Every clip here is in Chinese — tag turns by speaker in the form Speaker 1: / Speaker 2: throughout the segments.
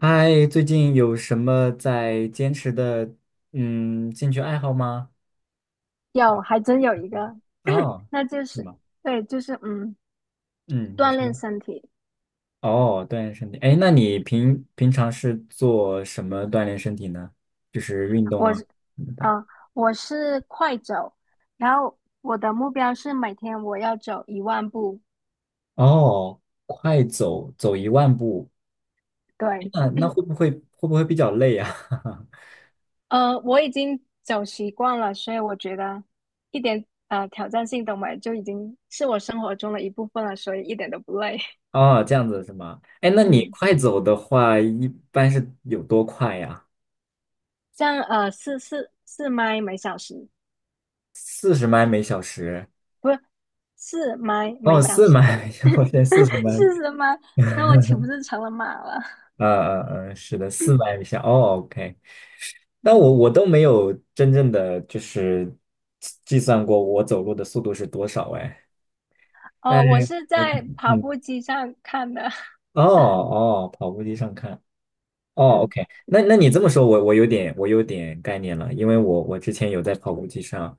Speaker 1: 嗨，最近有什么在坚持的兴趣爱好吗？
Speaker 2: 有，还真有一个，
Speaker 1: 哦，
Speaker 2: 那就
Speaker 1: 是
Speaker 2: 是
Speaker 1: 吗？
Speaker 2: 对，就是
Speaker 1: 嗯，你
Speaker 2: 锻
Speaker 1: 说。
Speaker 2: 炼身体。
Speaker 1: 哦，锻炼身体。哎，那你平常是做什么锻炼身体呢？就是运动
Speaker 2: 我
Speaker 1: 啊
Speaker 2: 是
Speaker 1: 什么
Speaker 2: 啊
Speaker 1: 的。
Speaker 2: 呃，我是快走，然后我的目标是每天我要走10000步。
Speaker 1: 哦，快走走1万步。哎，
Speaker 2: 对，
Speaker 1: 那会不会比较累啊？
Speaker 2: 我已经走习惯了，所以我觉得一点挑战性都没有，就已经是我生活中的一部分了，所以一点都不累。
Speaker 1: 哦，这样子是吗？哎，那 你
Speaker 2: 嗯，
Speaker 1: 快走的话，一般是有多快呀？
Speaker 2: 这样四迈每小时。
Speaker 1: 四十迈每小时。
Speaker 2: 不是是每
Speaker 1: 哦，
Speaker 2: 小
Speaker 1: 四
Speaker 2: 时
Speaker 1: 迈，我现在四十 迈。
Speaker 2: 是什么？那 我岂不是成了马了？
Speaker 1: 呃呃是的，400米下。哦，OK。但
Speaker 2: 嗯，
Speaker 1: 我都没有真正的就是计算过我走路的速度是多少哎。
Speaker 2: 哦，
Speaker 1: 但
Speaker 2: 我是
Speaker 1: 我
Speaker 2: 在跑
Speaker 1: 嗯，
Speaker 2: 步机上看的。
Speaker 1: 哦哦，跑步机上看。哦
Speaker 2: 嗯
Speaker 1: ，OK。那你这么说，我有点我有点概念了，因为我之前有在跑步机上，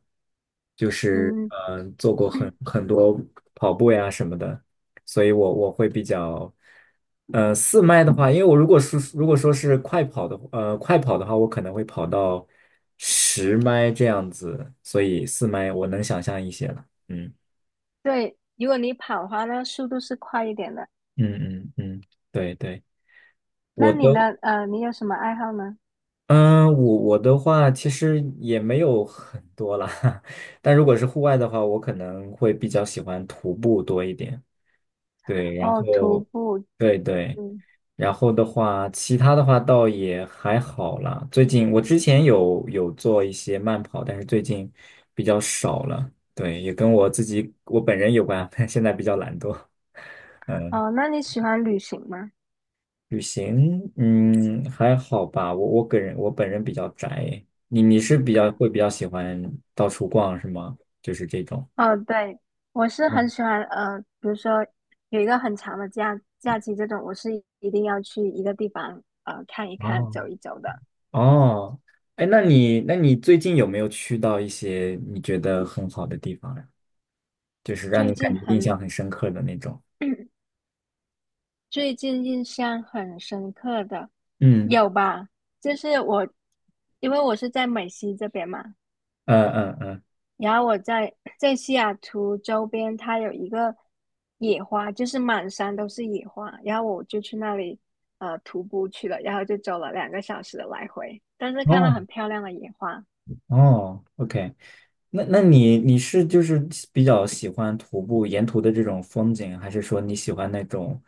Speaker 1: 就是
Speaker 2: 嗯，
Speaker 1: 做过很多跑步呀什么的，所以我会比较，四麦的话。因为我如果说是快跑的，快跑的话，我可能会跑到10麦这样子，所以四麦我能想象一些了。嗯
Speaker 2: 对，如果你跑的话，那速度是快一点的。
Speaker 1: 嗯嗯嗯，对对，我
Speaker 2: 那你
Speaker 1: 都。
Speaker 2: 呢？你有什么爱好呢？
Speaker 1: 嗯，我的话其实也没有很多啦。但如果是户外的话，我可能会比较喜欢徒步多一点。对，然
Speaker 2: 哦，徒
Speaker 1: 后，
Speaker 2: 步。
Speaker 1: 对对，
Speaker 2: 嗯，
Speaker 1: 然后的话，其他的话倒也还好啦。最近我之前有做一些慢跑，但是最近比较少了。对，也跟我自己我本人有关。现在比较懒惰。嗯。
Speaker 2: 哦，那你喜欢旅行吗？
Speaker 1: 旅行，嗯，还好吧。我个人我本人比较宅。你是比较喜欢到处逛是吗？就是这种。
Speaker 2: 哦，对，我是
Speaker 1: 哦
Speaker 2: 很喜欢。呃，比如说有一个很长的假期，这种我是一定要去一个地方看一看、
Speaker 1: 哦。
Speaker 2: 走一走的。
Speaker 1: 哦。哎，那你最近有没有去到一些你觉得很好的地方呀？就是让
Speaker 2: 最
Speaker 1: 你感
Speaker 2: 近
Speaker 1: 觉印象
Speaker 2: 很，
Speaker 1: 很深刻的那种。
Speaker 2: 最近印象很深刻的，
Speaker 1: 嗯，
Speaker 2: 有吧？就是我，因为我是在美西这边嘛，
Speaker 1: 嗯嗯嗯。
Speaker 2: 然后我在西雅图周边，它有一个野花，就是满山都是野花，然后我就去那里徒步去了，然后就走了2个小时的来回，但是看到
Speaker 1: 哦。
Speaker 2: 很漂亮的野花，
Speaker 1: 哦，OK。那你是就是比较喜欢徒步沿途的这种风景，还是说你喜欢那种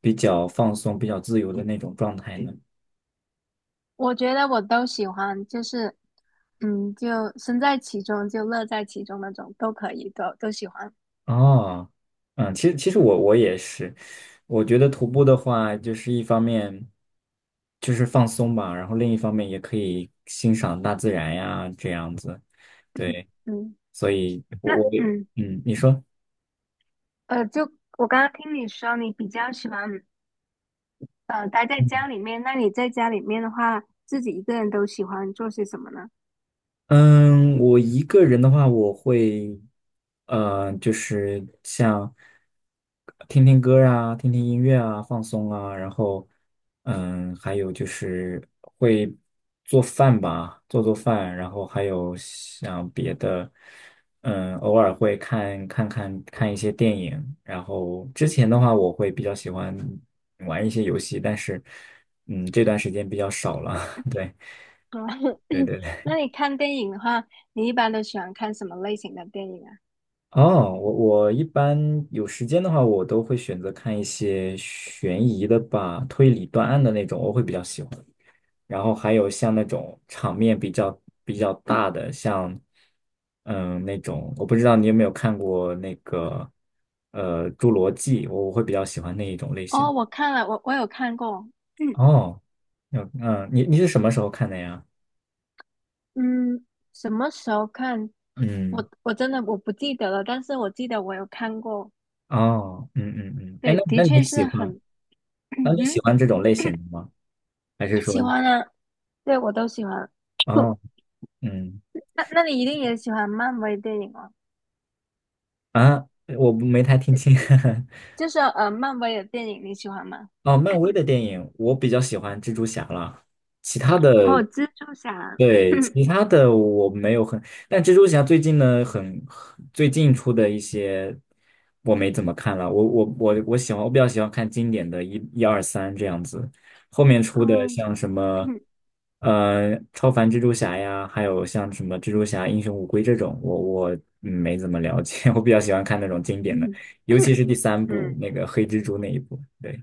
Speaker 1: 比较放松、比较自由的那种状态呢？
Speaker 2: 我觉得我都喜欢，就是就身在其中，就乐在其中那种，都可以，都喜欢，
Speaker 1: 哦，嗯，其实我也是。我觉得徒步的话，就是一方面就是放松吧，然后另一方面也可以欣赏大自然呀，这样子。对，
Speaker 2: 嗯，
Speaker 1: 所以我
Speaker 2: 那
Speaker 1: 我也
Speaker 2: 嗯。
Speaker 1: 你说。
Speaker 2: 就我刚刚听你说，你比较喜欢待在家里面，那你在家里面的话，自己一个人都喜欢做些什么呢？
Speaker 1: 嗯，我一个人的话，我会，就是像听听歌啊，听听音乐啊，放松啊，然后，还有就是会做饭吧，做做饭，然后还有像别的，偶尔会看看一些电影，然后之前的话，我会比较喜欢玩一些游戏，但是，这段时间比较少了。对。对
Speaker 2: 嗯
Speaker 1: 对 对。
Speaker 2: 那你看电影的话，你一般都喜欢看什么类型的电影啊？
Speaker 1: 哦，我一般有时间的话，我都会选择看一些悬疑的吧，推理断案的那种，我会比较喜欢。然后还有像那种场面比较大的，像那种，我不知道你有没有看过那个《侏罗纪》，我会比较喜欢那一种类型。
Speaker 2: 哦，我看了，我有看过，嗯
Speaker 1: 哦，嗯嗯，你是什么时候看的呀？
Speaker 2: 嗯，什么时候看？
Speaker 1: 嗯，
Speaker 2: 我真的我不记得了，但是我记得我有看过，
Speaker 1: 哦，嗯嗯嗯，哎，
Speaker 2: 对，
Speaker 1: 那
Speaker 2: 的
Speaker 1: 那
Speaker 2: 确
Speaker 1: 你
Speaker 2: 是
Speaker 1: 喜欢
Speaker 2: 很，
Speaker 1: 那你喜
Speaker 2: 嗯，
Speaker 1: 欢这种类型的吗？还是说
Speaker 2: 喜欢啊，对，我都喜欢。
Speaker 1: 哦，嗯。
Speaker 2: 那那你一定也喜欢漫威电影啊？
Speaker 1: 啊，我不没太听清。
Speaker 2: 就是漫威的电影你喜欢吗？
Speaker 1: 哦，漫威的电影我比较喜欢蜘蛛侠了，其他的，
Speaker 2: 哦，蜘蛛侠，
Speaker 1: 对，其 他的我没有很，但蜘蛛侠最近呢，最近出的一些我没怎么看了，我喜欢，我比较喜欢看经典的一二三这样子，后面出的
Speaker 2: 嗯
Speaker 1: 像什么，
Speaker 2: 嗯
Speaker 1: 超凡蜘蛛侠呀，还有像什么蜘蛛侠英雄无归这种，我没怎么了解。我比较喜欢看那种经典的，
Speaker 2: 嗯，
Speaker 1: 尤其是第三
Speaker 2: 嗯
Speaker 1: 部
Speaker 2: 嗯
Speaker 1: 那个黑蜘蛛那一部。对。对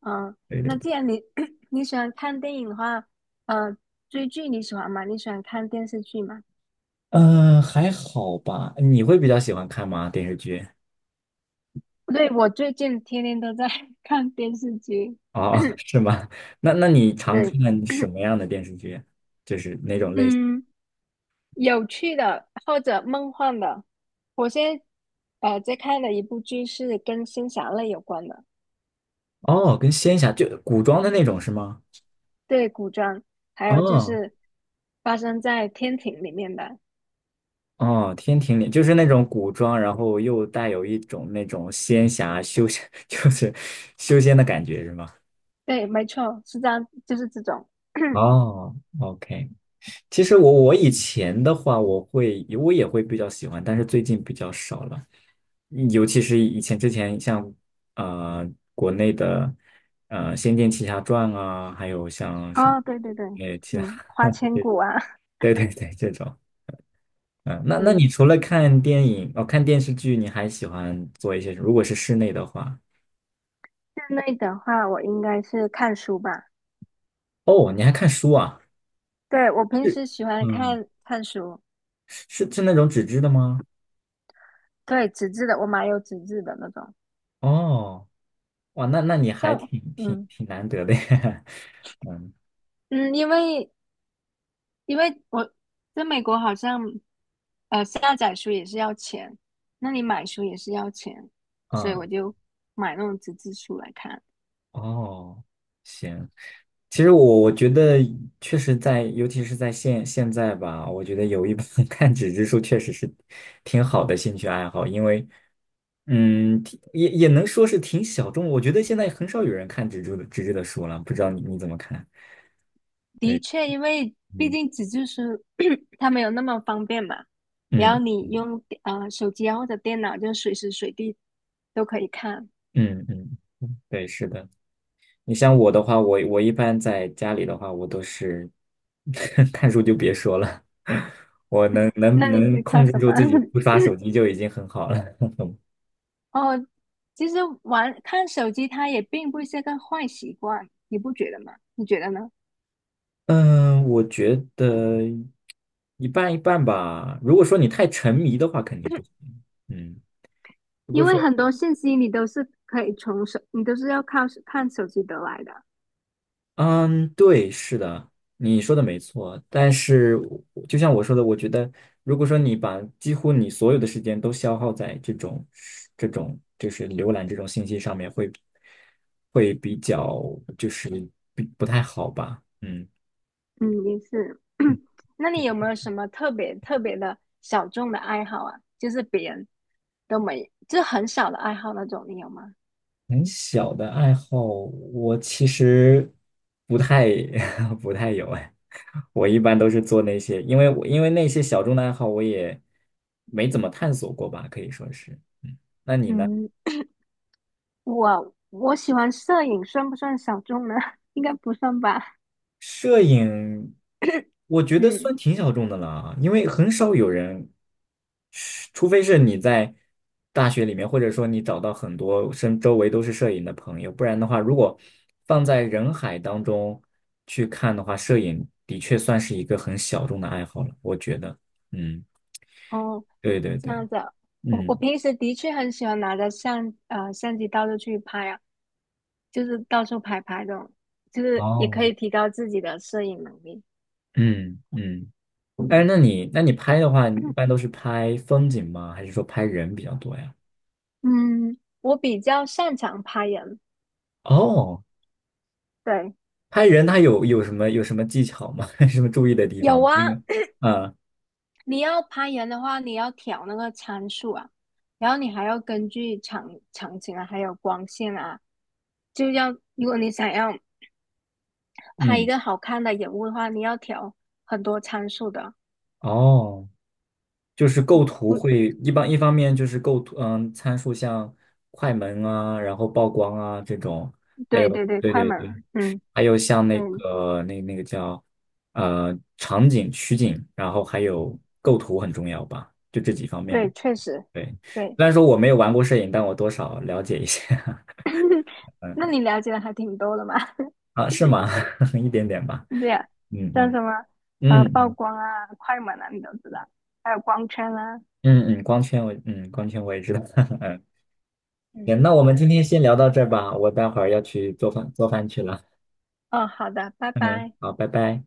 Speaker 2: 嗯，那
Speaker 1: 对，
Speaker 2: 既然你 你喜欢看电影的话，呃，追剧你喜欢吗？你喜欢看电视剧吗？
Speaker 1: 嗯，还好吧？你会比较喜欢看吗？电视剧？
Speaker 2: 对，我最近天天都在 看电视剧，
Speaker 1: 哦，是吗？那你 常
Speaker 2: 对，
Speaker 1: 看什 么样的电视剧？就是那，
Speaker 2: 嗯，有趣的或者梦幻的。我现在在看的一部剧是跟仙侠类有关的。
Speaker 1: 哦，跟仙侠就古装的那种是吗？
Speaker 2: 对，古装，还有就
Speaker 1: 哦
Speaker 2: 是发生在天庭里面的，
Speaker 1: 哦，天庭里就是那种古装，然后又带有一种那种仙侠修仙，就是修仙的感觉是吗？
Speaker 2: 对，没错，是这样，就是这种。
Speaker 1: 哦，OK。其实我以前的话，我也会比较喜欢，但是最近比较少了。尤其是之前像呃国内的《仙剑奇侠传》啊，还有像什么
Speaker 2: 哦，对对对，
Speaker 1: 其他
Speaker 2: 嗯，花千骨啊，
Speaker 1: 对对对这种，嗯、那
Speaker 2: 嗯，
Speaker 1: 你除了看电影哦看电视剧，你还喜欢做一些什么如果是室内的话，
Speaker 2: 室内的话，我应该是看书吧。
Speaker 1: 哦你还看书啊？
Speaker 2: 对，我平
Speaker 1: 是
Speaker 2: 时喜欢
Speaker 1: 嗯
Speaker 2: 看看书，
Speaker 1: 是那种纸质的吗？
Speaker 2: 对，纸质的，我买有纸质的那种。
Speaker 1: 哦哇那你还
Speaker 2: 像我，
Speaker 1: 挺挺
Speaker 2: 嗯
Speaker 1: 挺难得的呀。嗯，
Speaker 2: 嗯，因为因为我在美国好像下载书也是要钱，那你买书也是要钱，所以我
Speaker 1: 嗯，
Speaker 2: 就买那种纸质书来看。
Speaker 1: 哦，行。其实我觉得确实在，尤其是在现在吧，我觉得有一本 看纸质书确实是挺好的兴趣爱好，因为挺也能说是挺小众。我觉得现在很少有人看纸质的书了，不知道你怎么看？
Speaker 2: 的
Speaker 1: 对，
Speaker 2: 确，因为毕
Speaker 1: 嗯
Speaker 2: 竟纸质书 它没有那么方便嘛，然后
Speaker 1: 嗯
Speaker 2: 你用手机啊或者电脑，就随时随地都可以看。
Speaker 1: 嗯嗯，对，是的。你像我的话，我一般在家里的话，我都是 看书就别说了。我能
Speaker 2: 那
Speaker 1: 能
Speaker 2: 你
Speaker 1: 能
Speaker 2: 是
Speaker 1: 控
Speaker 2: 看
Speaker 1: 制
Speaker 2: 什
Speaker 1: 住
Speaker 2: 么？
Speaker 1: 自己不刷手机就已经很好了。
Speaker 2: 哦，其实玩看手机它也并不是个坏习惯，你不觉得吗？你觉得呢？
Speaker 1: 嗯，我觉得一半一半吧。如果说你太沉迷的话，肯定不行。嗯，如果
Speaker 2: 因为
Speaker 1: 说
Speaker 2: 很多信息你都是可以从手，你都是要靠手看手机得来的。
Speaker 1: 嗯，对，是的，你说的没错。但是我就像我说的，我觉得，如果说你把几乎你所有的时间都消耗在这种就是浏览这种信息上面比较就是不太好吧？嗯，
Speaker 2: 嗯，也是。那你有没有什么特别特别的小众的爱好啊？就是别人。都没，就很小的爱好那种，你有吗？
Speaker 1: 很小的爱好，我其实不太 不太有哎。我一般都是做那些，因为那些小众的爱好，我也没怎么探索过吧，可以说是。嗯，
Speaker 2: 嗯，我喜欢摄影，算不算小众呢？应该不算吧。
Speaker 1: 摄影，我 觉得
Speaker 2: 嗯，
Speaker 1: 算挺小众的了啊，因为很少有人，除非是你在大学里面，或者说你找到很多身周围都是摄影的朋友，不然的话，如果放在人海当中去看的话，摄影的确算是一个很小众的爱好了，我觉得。嗯，
Speaker 2: 哦，
Speaker 1: 对对
Speaker 2: 这
Speaker 1: 对，
Speaker 2: 样子啊，我
Speaker 1: 嗯，
Speaker 2: 平时的确很喜欢拿着相机到处去拍啊，就是到处拍拍这种，就是也
Speaker 1: 哦，
Speaker 2: 可以提高自己的摄影能力。
Speaker 1: 嗯嗯。哎，那你拍的话，你一 般都是拍风景吗？还是说拍人比较多呀？
Speaker 2: 嗯，我比较擅长拍人，
Speaker 1: 哦。
Speaker 2: 对，
Speaker 1: 拍人他有什么技巧吗？什么注意的地方
Speaker 2: 有
Speaker 1: 吗？因
Speaker 2: 啊，
Speaker 1: 为，啊
Speaker 2: 你要拍人的话，你要调那个参数啊，然后你还要根据场景啊，还有光线啊，就要如果你想要拍一
Speaker 1: 嗯，
Speaker 2: 个好看的人物的话，你要调很多参数的。
Speaker 1: 哦，就是构图
Speaker 2: 不，
Speaker 1: 会一般一方面就是构图，嗯，参数像快门啊，然后曝光啊这种，还
Speaker 2: 对
Speaker 1: 有
Speaker 2: 对对，
Speaker 1: 对
Speaker 2: 快
Speaker 1: 对
Speaker 2: 门
Speaker 1: 对，
Speaker 2: 了，嗯，
Speaker 1: 还有像
Speaker 2: 对
Speaker 1: 那个叫场景取景，然后还有构图很重要吧，就这几方面
Speaker 2: 对，
Speaker 1: 吧。
Speaker 2: 确实，
Speaker 1: 对，
Speaker 2: 对。
Speaker 1: 虽然说我没有玩过摄影，但我多少了解一些
Speaker 2: 那你了解的还挺多的嘛？
Speaker 1: 啊，是吗？一点点吧，
Speaker 2: 对啊，
Speaker 1: 嗯
Speaker 2: 像
Speaker 1: 嗯
Speaker 2: 什么
Speaker 1: 嗯。
Speaker 2: 曝
Speaker 1: 嗯
Speaker 2: 光啊、快门啊，你都知道，还有光圈啊。
Speaker 1: 嗯嗯，光圈我也知道。嗯，
Speaker 2: 嗯，
Speaker 1: 行，那我们今天先聊到这儿吧，我待会儿要去做饭去了。
Speaker 2: 哦，好的，拜
Speaker 1: 嗯，
Speaker 2: 拜。
Speaker 1: 好，拜拜。